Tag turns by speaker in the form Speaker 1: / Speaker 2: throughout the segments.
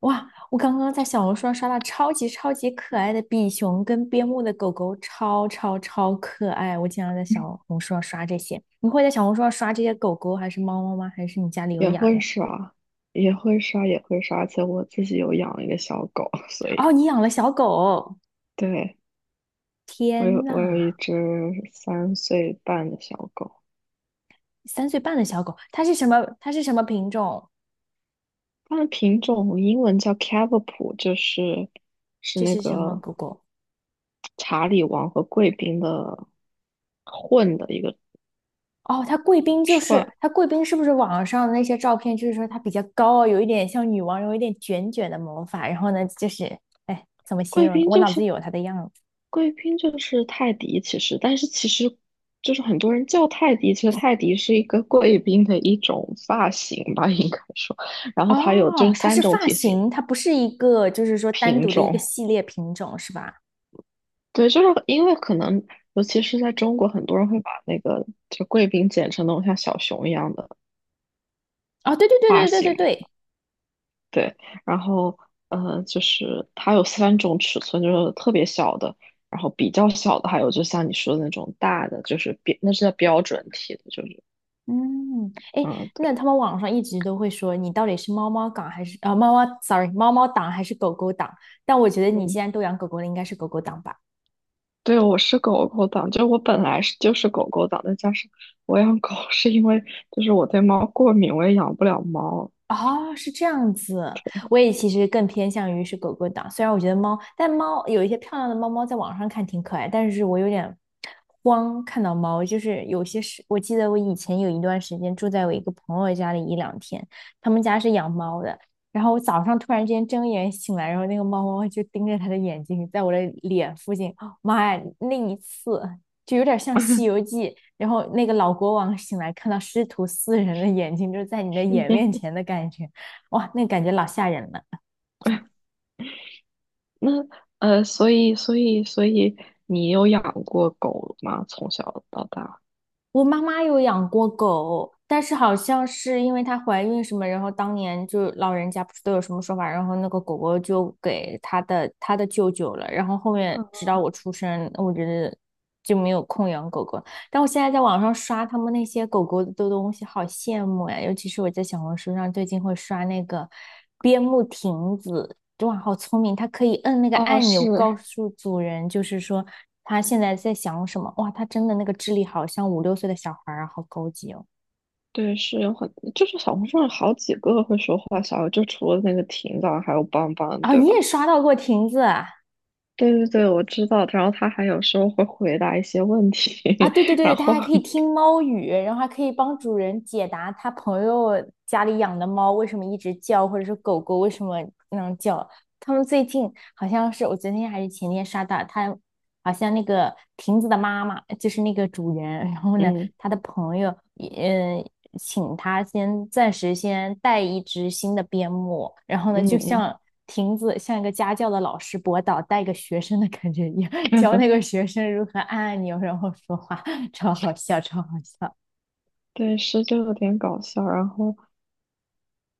Speaker 1: 哇，我刚刚在小红书上刷到超级超级可爱的比熊跟边牧的狗狗，超超超可爱！我经常在小红书上刷这些。你会在小红书上刷这些狗狗还是猫猫吗？还是你家里有
Speaker 2: 也
Speaker 1: 养
Speaker 2: 会
Speaker 1: 呀？
Speaker 2: 刷，而且我自己有养一个小狗，所
Speaker 1: 哦，
Speaker 2: 以。
Speaker 1: 你养了小狗，
Speaker 2: 对。我
Speaker 1: 天
Speaker 2: 有我有一
Speaker 1: 呐，
Speaker 2: 只3岁半的小狗。
Speaker 1: 三岁半的小狗，它是什么？它是什么品种？
Speaker 2: 它的品种英文叫 Cavapoo，就是
Speaker 1: 这
Speaker 2: 那
Speaker 1: 是什么
Speaker 2: 个
Speaker 1: 狗狗？
Speaker 2: 查理王和贵宾的混的一个
Speaker 1: 哦，她贵宾就是
Speaker 2: 串。
Speaker 1: 她贵宾，是不是网上的那些照片，就是说她比较高，有一点像女王，有一点卷卷的毛发，然后呢，就是哎，怎么形
Speaker 2: 贵
Speaker 1: 容呢？
Speaker 2: 宾
Speaker 1: 我
Speaker 2: 就
Speaker 1: 脑子里
Speaker 2: 是
Speaker 1: 有她的样子。
Speaker 2: 贵宾就是泰迪，其实。但是其实就是很多人叫泰迪，其实泰迪是一个贵宾的一种发型吧，应该说。然后它有就
Speaker 1: 哦，
Speaker 2: 是
Speaker 1: 它
Speaker 2: 三
Speaker 1: 是
Speaker 2: 种
Speaker 1: 发
Speaker 2: 体型。
Speaker 1: 型，它不是一个，就是说单
Speaker 2: 品
Speaker 1: 独的一个
Speaker 2: 种，
Speaker 1: 系列品种，是吧？
Speaker 2: 对，就是因为可能尤其是在中国，很多人会把那个就贵宾剪成那种像小熊一样的。
Speaker 1: 哦，对对对
Speaker 2: 发
Speaker 1: 对对对
Speaker 2: 型。
Speaker 1: 对，
Speaker 2: 对，然后，就是它有三种尺寸，就是特别小的，然后比较小的，还有就像你说的那种大的，就是标，那是叫标准体的，就是。
Speaker 1: 嗯，哎，
Speaker 2: 嗯，对。
Speaker 1: 那他们网上一直都会说你到底是猫猫党还是啊、猫猫，sorry，猫猫党还是狗狗党？但我觉得你既
Speaker 2: 嗯，
Speaker 1: 然都养狗狗了，应该是狗狗党吧。
Speaker 2: 对，我是狗狗党，就我本来是就是狗狗党，再加上我养狗是因为就是我对猫过敏，我也养不了猫。
Speaker 1: 哦，是这样子。我也其实更偏向于是狗狗党，虽然我觉得猫，但猫有一些漂亮的猫猫在网上看挺可爱，但是我有点慌看到猫，就是有些是，我记得我以前有一段时间住在我一个朋友家里一两天，他们家是养猫的，然后我早上突然之间睁眼醒来，然后那个猫猫就盯着他的眼睛，在我的脸附近，哦妈呀，那一次就有点像《西游记》。然后那个老国王醒来，看到师徒四人的眼睛，就是在你的眼面 前的感觉，哇，那感觉老吓人了。
Speaker 2: 那，所以你有养过狗吗？从小到大？
Speaker 1: 我妈妈有养过狗，但是好像是因为她怀孕什么，然后当年就老人家不是都有什么说法，然后那个狗狗就给她的舅舅了，然后后面直
Speaker 2: 嗯。
Speaker 1: 到我出生，我觉得就没有空养狗狗。但我现在在网上刷他们那些狗狗的东西，好羡慕呀！尤其是我在小红书上最近会刷那个边牧亭子，哇，好聪明！他可以摁那个
Speaker 2: 哦，
Speaker 1: 按钮，
Speaker 2: 是。
Speaker 1: 告诉主人，就是说他现在在想什么。哇，他真的那个智力好像五六岁的小孩儿啊，好高级哦！
Speaker 2: 对，是有很，就是小红书上好几个会说话小，就除了那个婷枣，还有邦邦，
Speaker 1: 啊、
Speaker 2: 对
Speaker 1: 你
Speaker 2: 吧？
Speaker 1: 也刷到过亭子啊？
Speaker 2: 对对对，我知道。然后他还有时候会回答一些问题。
Speaker 1: 啊，对对
Speaker 2: 然
Speaker 1: 对，它
Speaker 2: 后
Speaker 1: 还可以听猫语，然后还可以帮主人解答他朋友家里养的猫为什么一直叫，或者是狗狗为什么能叫。他们最近好像是我昨天还是前天刷到，他好像那个亭子的妈妈就是那个主人，然后呢，
Speaker 2: 嗯
Speaker 1: 他的朋友也请他先暂时先带一只新的边牧，然后呢，
Speaker 2: 嗯
Speaker 1: 就
Speaker 2: 嗯。
Speaker 1: 像亭子像一个家教的老师博导带一个学生的感觉一样。教那个 学生如何按按钮然后说话，超好笑，超好笑
Speaker 2: 对，是就有点搞笑。然后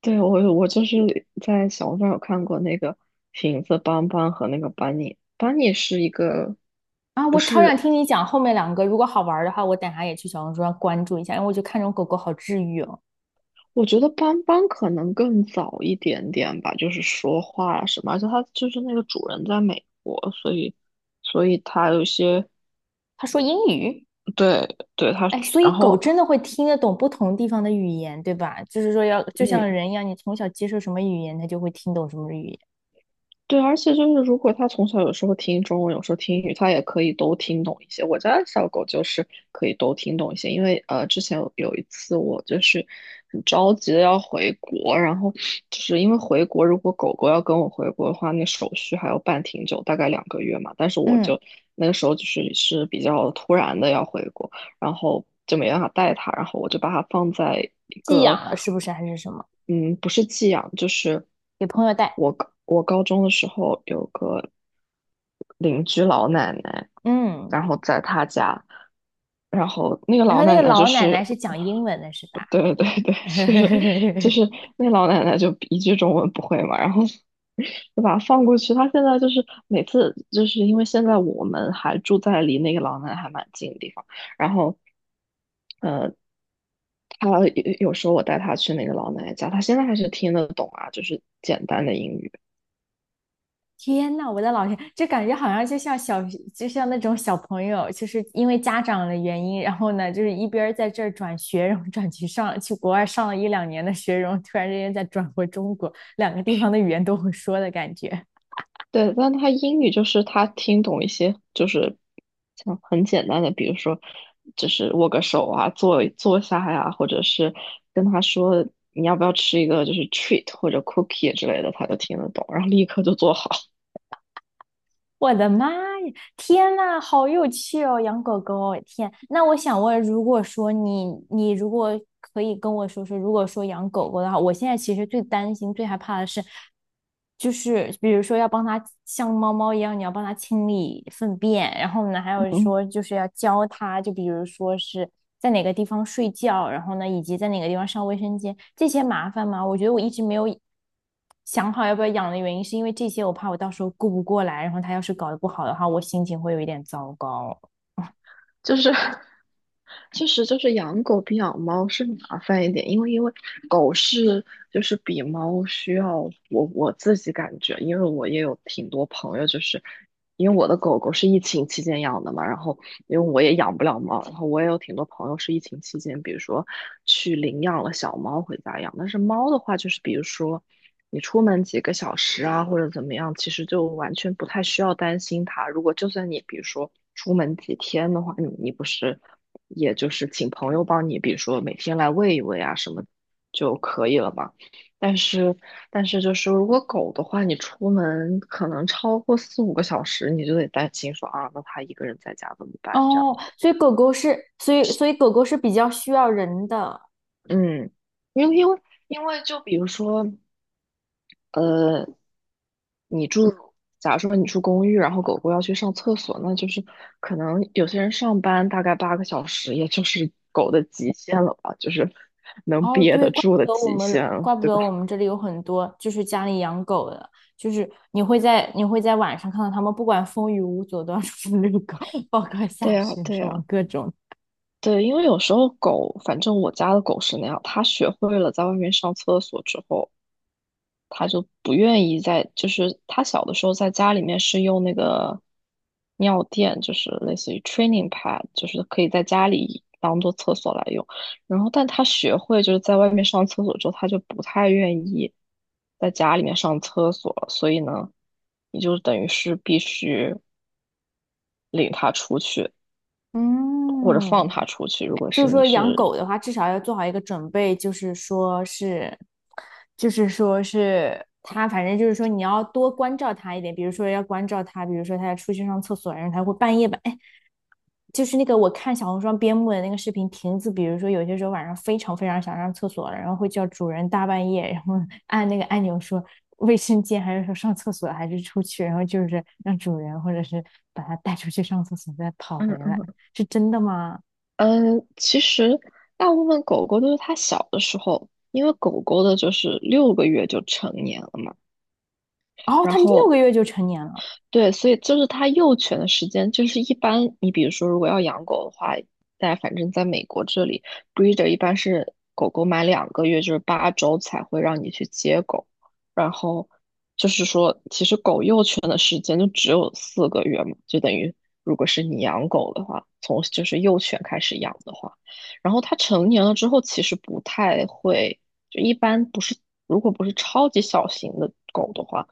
Speaker 2: 对，我就是在小红书上有看过那个瓶子邦邦和那个班尼，班尼是一个。
Speaker 1: 啊！
Speaker 2: 不
Speaker 1: 我超想听
Speaker 2: 是。
Speaker 1: 你讲后面两个，如果好玩的话，我等下也去小红书上关注一下，因为我就看这种狗狗好治愈哦。
Speaker 2: 我觉得斑斑可能更早一点点吧，就是说话啊什么，而且它就是那个主人在美国，所以它有一些。
Speaker 1: 他说英语，
Speaker 2: 对对它。
Speaker 1: 哎，所
Speaker 2: 然
Speaker 1: 以狗
Speaker 2: 后
Speaker 1: 真的会听得懂不同地方的语言，对吧？就是说要就
Speaker 2: 嗯，
Speaker 1: 像人一样，你从小接受什么语言，它就会听懂什么语言。
Speaker 2: 对，而且就是如果它从小有时候听中文，有时候听英语，它也可以都听懂一些。我家小狗就是可以都听懂一些，因为，之前有一次我就是很着急的要回国。然后就是因为回国，如果狗狗要跟我回国的话，那手续还要办挺久，大概两个月嘛。但是我
Speaker 1: 嗯，
Speaker 2: 就那个时候就是比较突然的要回国。然后就没办法带它，然后我就把它放在一
Speaker 1: 寄
Speaker 2: 个。
Speaker 1: 养了是不是还是什么？
Speaker 2: 嗯，不是寄养，就是
Speaker 1: 给朋友带。
Speaker 2: 我高中的时候有个邻居老奶奶，
Speaker 1: 嗯，
Speaker 2: 然后在她家，然后那个
Speaker 1: 然
Speaker 2: 老
Speaker 1: 后那
Speaker 2: 奶
Speaker 1: 个
Speaker 2: 奶就
Speaker 1: 老奶奶
Speaker 2: 是。
Speaker 1: 是讲英文的，是吧？
Speaker 2: 对对对，就是 那老奶奶就一句中文不会嘛，然后 就把它放过去。她现在就是每次就是因为现在我们还住在离那个老奶奶还蛮近的地方，然后，呃，他有时候我带他去那个老奶奶家，他现在还是听得懂啊，就是简单的英语。
Speaker 1: 天呐，我的老天，这感觉好像就像小，就像那种小朋友，就是因为家长的原因，然后呢，就是一边儿在这儿转学，然后转去上去国外上了一两年的学，然后突然之间再转回中国，两个地方的语言都会说的感觉。
Speaker 2: 对，但他英语就是他听懂一些，就是像很简单的，比如说，就是握个手啊，坐下呀、或者是跟他说你要不要吃一个就是 treat 或者 cookie 之类的，他就听得懂，然后立刻就做好。
Speaker 1: 我的妈呀！天呐，好有趣哦，养狗狗哦！天，那我想问，如果说你，你如果可以跟我说说，如果说养狗狗的话，我现在其实最担心、最害怕的是，就是比如说要帮它像猫猫一样，你要帮它清理粪便，然后呢，还有说 就是要教它，就比如说是在哪个地方睡觉，然后呢，以及在哪个地方上卫生间，这些麻烦吗？我觉得我一直没有。想好要不要养的原因，是因为这些我怕我到时候顾不过来，然后它要是搞得不好的话，我心情会有一点糟糕。
Speaker 2: 就是。 确实就是养狗比养猫是麻烦一点，因为狗是就是比猫需要。我自己感觉，因为我也有挺多朋友，就是因为我的狗狗是疫情期间养的嘛，然后因为我也养不了猫，然后我也有挺多朋友是疫情期间，比如说去领养了小猫回家养，但是猫的话就是比如说。你出门几个小时啊，或者怎么样，其实就完全不太需要担心它。如果就算你比如说出门几天的话，你不是也就是请朋友帮你，比如说每天来喂一喂啊什么就可以了嘛。但是但是就是如果狗的话，你出门可能超过4、5个小时，你就得担心说啊，那它一个人在家怎么办？这样
Speaker 1: 哦，
Speaker 2: 子。
Speaker 1: 所以狗狗是，所以狗狗是比较需要人的。
Speaker 2: 嗯，因为因为因为就比如说。你住，假如说你住公寓，然后狗狗要去上厕所，那就是可能有些人上班大概8个小时，也就是狗的极限了吧，就是能
Speaker 1: 哦，
Speaker 2: 憋
Speaker 1: 对，
Speaker 2: 得
Speaker 1: 怪
Speaker 2: 住
Speaker 1: 不
Speaker 2: 的
Speaker 1: 得我
Speaker 2: 极限
Speaker 1: 们，
Speaker 2: 了，
Speaker 1: 怪不
Speaker 2: 对
Speaker 1: 得
Speaker 2: 吧？
Speaker 1: 我们这里有很多就是家里养狗的，就是你会在晚上看到它们，不管风雨无阻 都要出去遛狗，包括
Speaker 2: 对
Speaker 1: 下
Speaker 2: 呀，
Speaker 1: 雪
Speaker 2: 对
Speaker 1: 什么
Speaker 2: 呀，
Speaker 1: 各种。
Speaker 2: 对，因为有时候狗，反正我家的狗是那样，它学会了在外面上厕所之后，他就不愿意在，就是他小的时候在家里面是用那个尿垫，就是类似于 training pad，就是可以在家里当做厕所来用。然后，但他学会就是在外面上厕所之后，他就不太愿意在家里面上厕所了，所以呢，你就等于是必须领他出去或者
Speaker 1: 嗯，
Speaker 2: 放他出去，如果
Speaker 1: 就
Speaker 2: 是
Speaker 1: 是
Speaker 2: 你
Speaker 1: 说养
Speaker 2: 是。
Speaker 1: 狗的话，至少要做好一个准备，就是说是，就是说是它，反正就是说你要多关照它一点，比如说要关照它，比如说它要出去上厕所，然后它会半夜吧，哎，就是那个我看小红书上边牧的那个视频，亭子，比如说有些时候晚上非常非常想上厕所了，然后会叫主人大半夜，然后 按那个按钮说卫生间，还是说上厕所，还是出去，然后就是让主人或者是把它带出去上厕所，再跑
Speaker 2: 嗯
Speaker 1: 回来，
Speaker 2: 嗯
Speaker 1: 是真的吗？
Speaker 2: 嗯，其实大部分狗狗都是它小的时候，因为狗狗的就是6个月就成年了嘛。
Speaker 1: 哦，
Speaker 2: 然
Speaker 1: 它六
Speaker 2: 后
Speaker 1: 个月就成年了，
Speaker 2: 对，所以就是它幼犬的时间，就是一般你比如说，如果要养狗的话，在反正在美国这里，breeder 一般是狗狗满两个月，就是8周才会让你去接狗。然后就是说，其实狗幼犬的时间就只有4个月嘛，就等于如果是你养狗的话，从就是幼犬开始养的话，然后它成年了之后，其实不太会，就一般不是，如果不是超级小型的狗的话。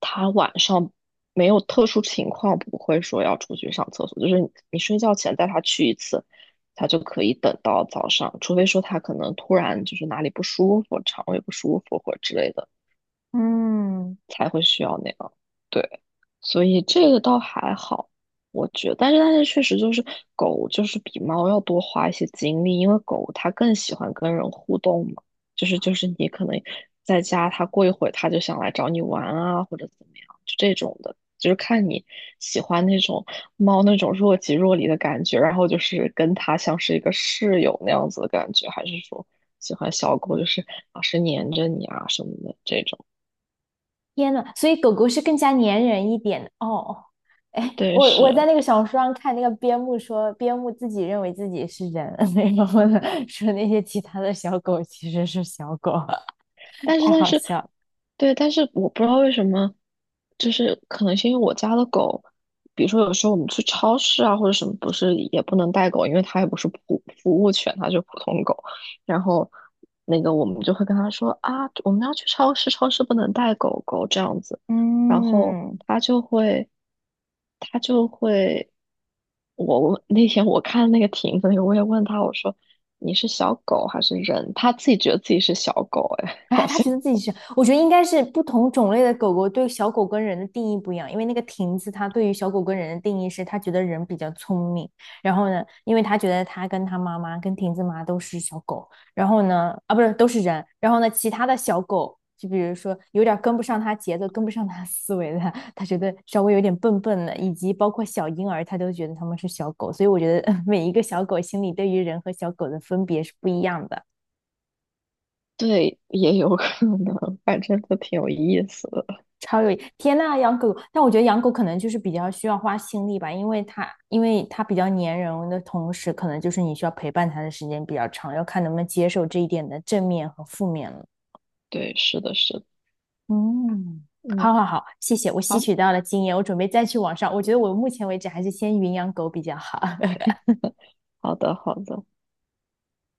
Speaker 2: 他晚上没有特殊情况不会说要出去上厕所，就是你你睡觉前带他去一次，他就可以等到早上，除非说他可能突然就是哪里不舒服，肠胃不舒服或者之类的，
Speaker 1: 嗯，
Speaker 2: 才会需要那样。对，所以这个倒还好，我觉得。但是确实就是狗就是比猫要多花一些精力，因为狗它更喜欢跟人互动嘛，就是你可能在家它过一会儿它就想来找你玩啊，或者怎么样，就这种的。就是看你喜欢那种猫那种若即若离的感觉，然后就是跟它像是一个室友那样子的感觉，还是说喜欢小狗就是老是黏着你啊什么的这种。
Speaker 1: 天呐，所以狗狗是更加粘人一点的哦。哎，
Speaker 2: 对，
Speaker 1: 我在
Speaker 2: 是。
Speaker 1: 那个小说上看那个边牧说，边牧自己认为自己是人，然后呢说那些其他的小狗其实是小狗，
Speaker 2: 但是
Speaker 1: 太
Speaker 2: 但
Speaker 1: 好
Speaker 2: 是，
Speaker 1: 笑了。
Speaker 2: 对，但是我不知道为什么，就是可能是因为我家的狗，比如说有时候我们去超市啊或者什么，不是也不能带狗，因为它也不是普服务犬，它就是普通狗。然后那个我们就会跟他说啊，我们要去超市，超市不能带狗狗这样子。然后
Speaker 1: 嗯，
Speaker 2: 他就会，他就会，我问那天我看那个亭子那个，我也问他，我说你是小狗还是人？他自己觉得自己是小狗。哎，
Speaker 1: 哎，
Speaker 2: 好
Speaker 1: 他
Speaker 2: 像
Speaker 1: 觉得自己是，我觉得应该是不同种类的狗狗对小狗跟人的定义不一样，因为那个亭子它对于小狗跟人的定义是，它觉得人比较聪明，然后呢，因为它觉得它跟它妈妈跟亭子妈都是小狗，然后呢，啊不是都是人，然后呢，其他的小狗就比如说有点跟不上它节奏，跟不上它思维的，它觉得稍微有点笨笨的，以及包括小婴儿，它都觉得它们是小狗，所以我觉得 每一个小狗心里对于人和小狗的分别是不一样的。
Speaker 2: 对，也有可能，反正都挺有意思的。
Speaker 1: 超有天呐，养狗但我觉得养狗可能就是比较需要花心力吧，因为它比较粘人的同时，可能就是你需要陪伴它的时间比较长，要看能不能接受这一点的正面和负面了。
Speaker 2: 对，是的，是的。
Speaker 1: 嗯，好
Speaker 2: 嗯。
Speaker 1: 好好，谢谢，我吸
Speaker 2: 好，
Speaker 1: 取到了经验，我准备再去网上。我觉得我目前为止还是先云养狗比较好。
Speaker 2: 好的，好的。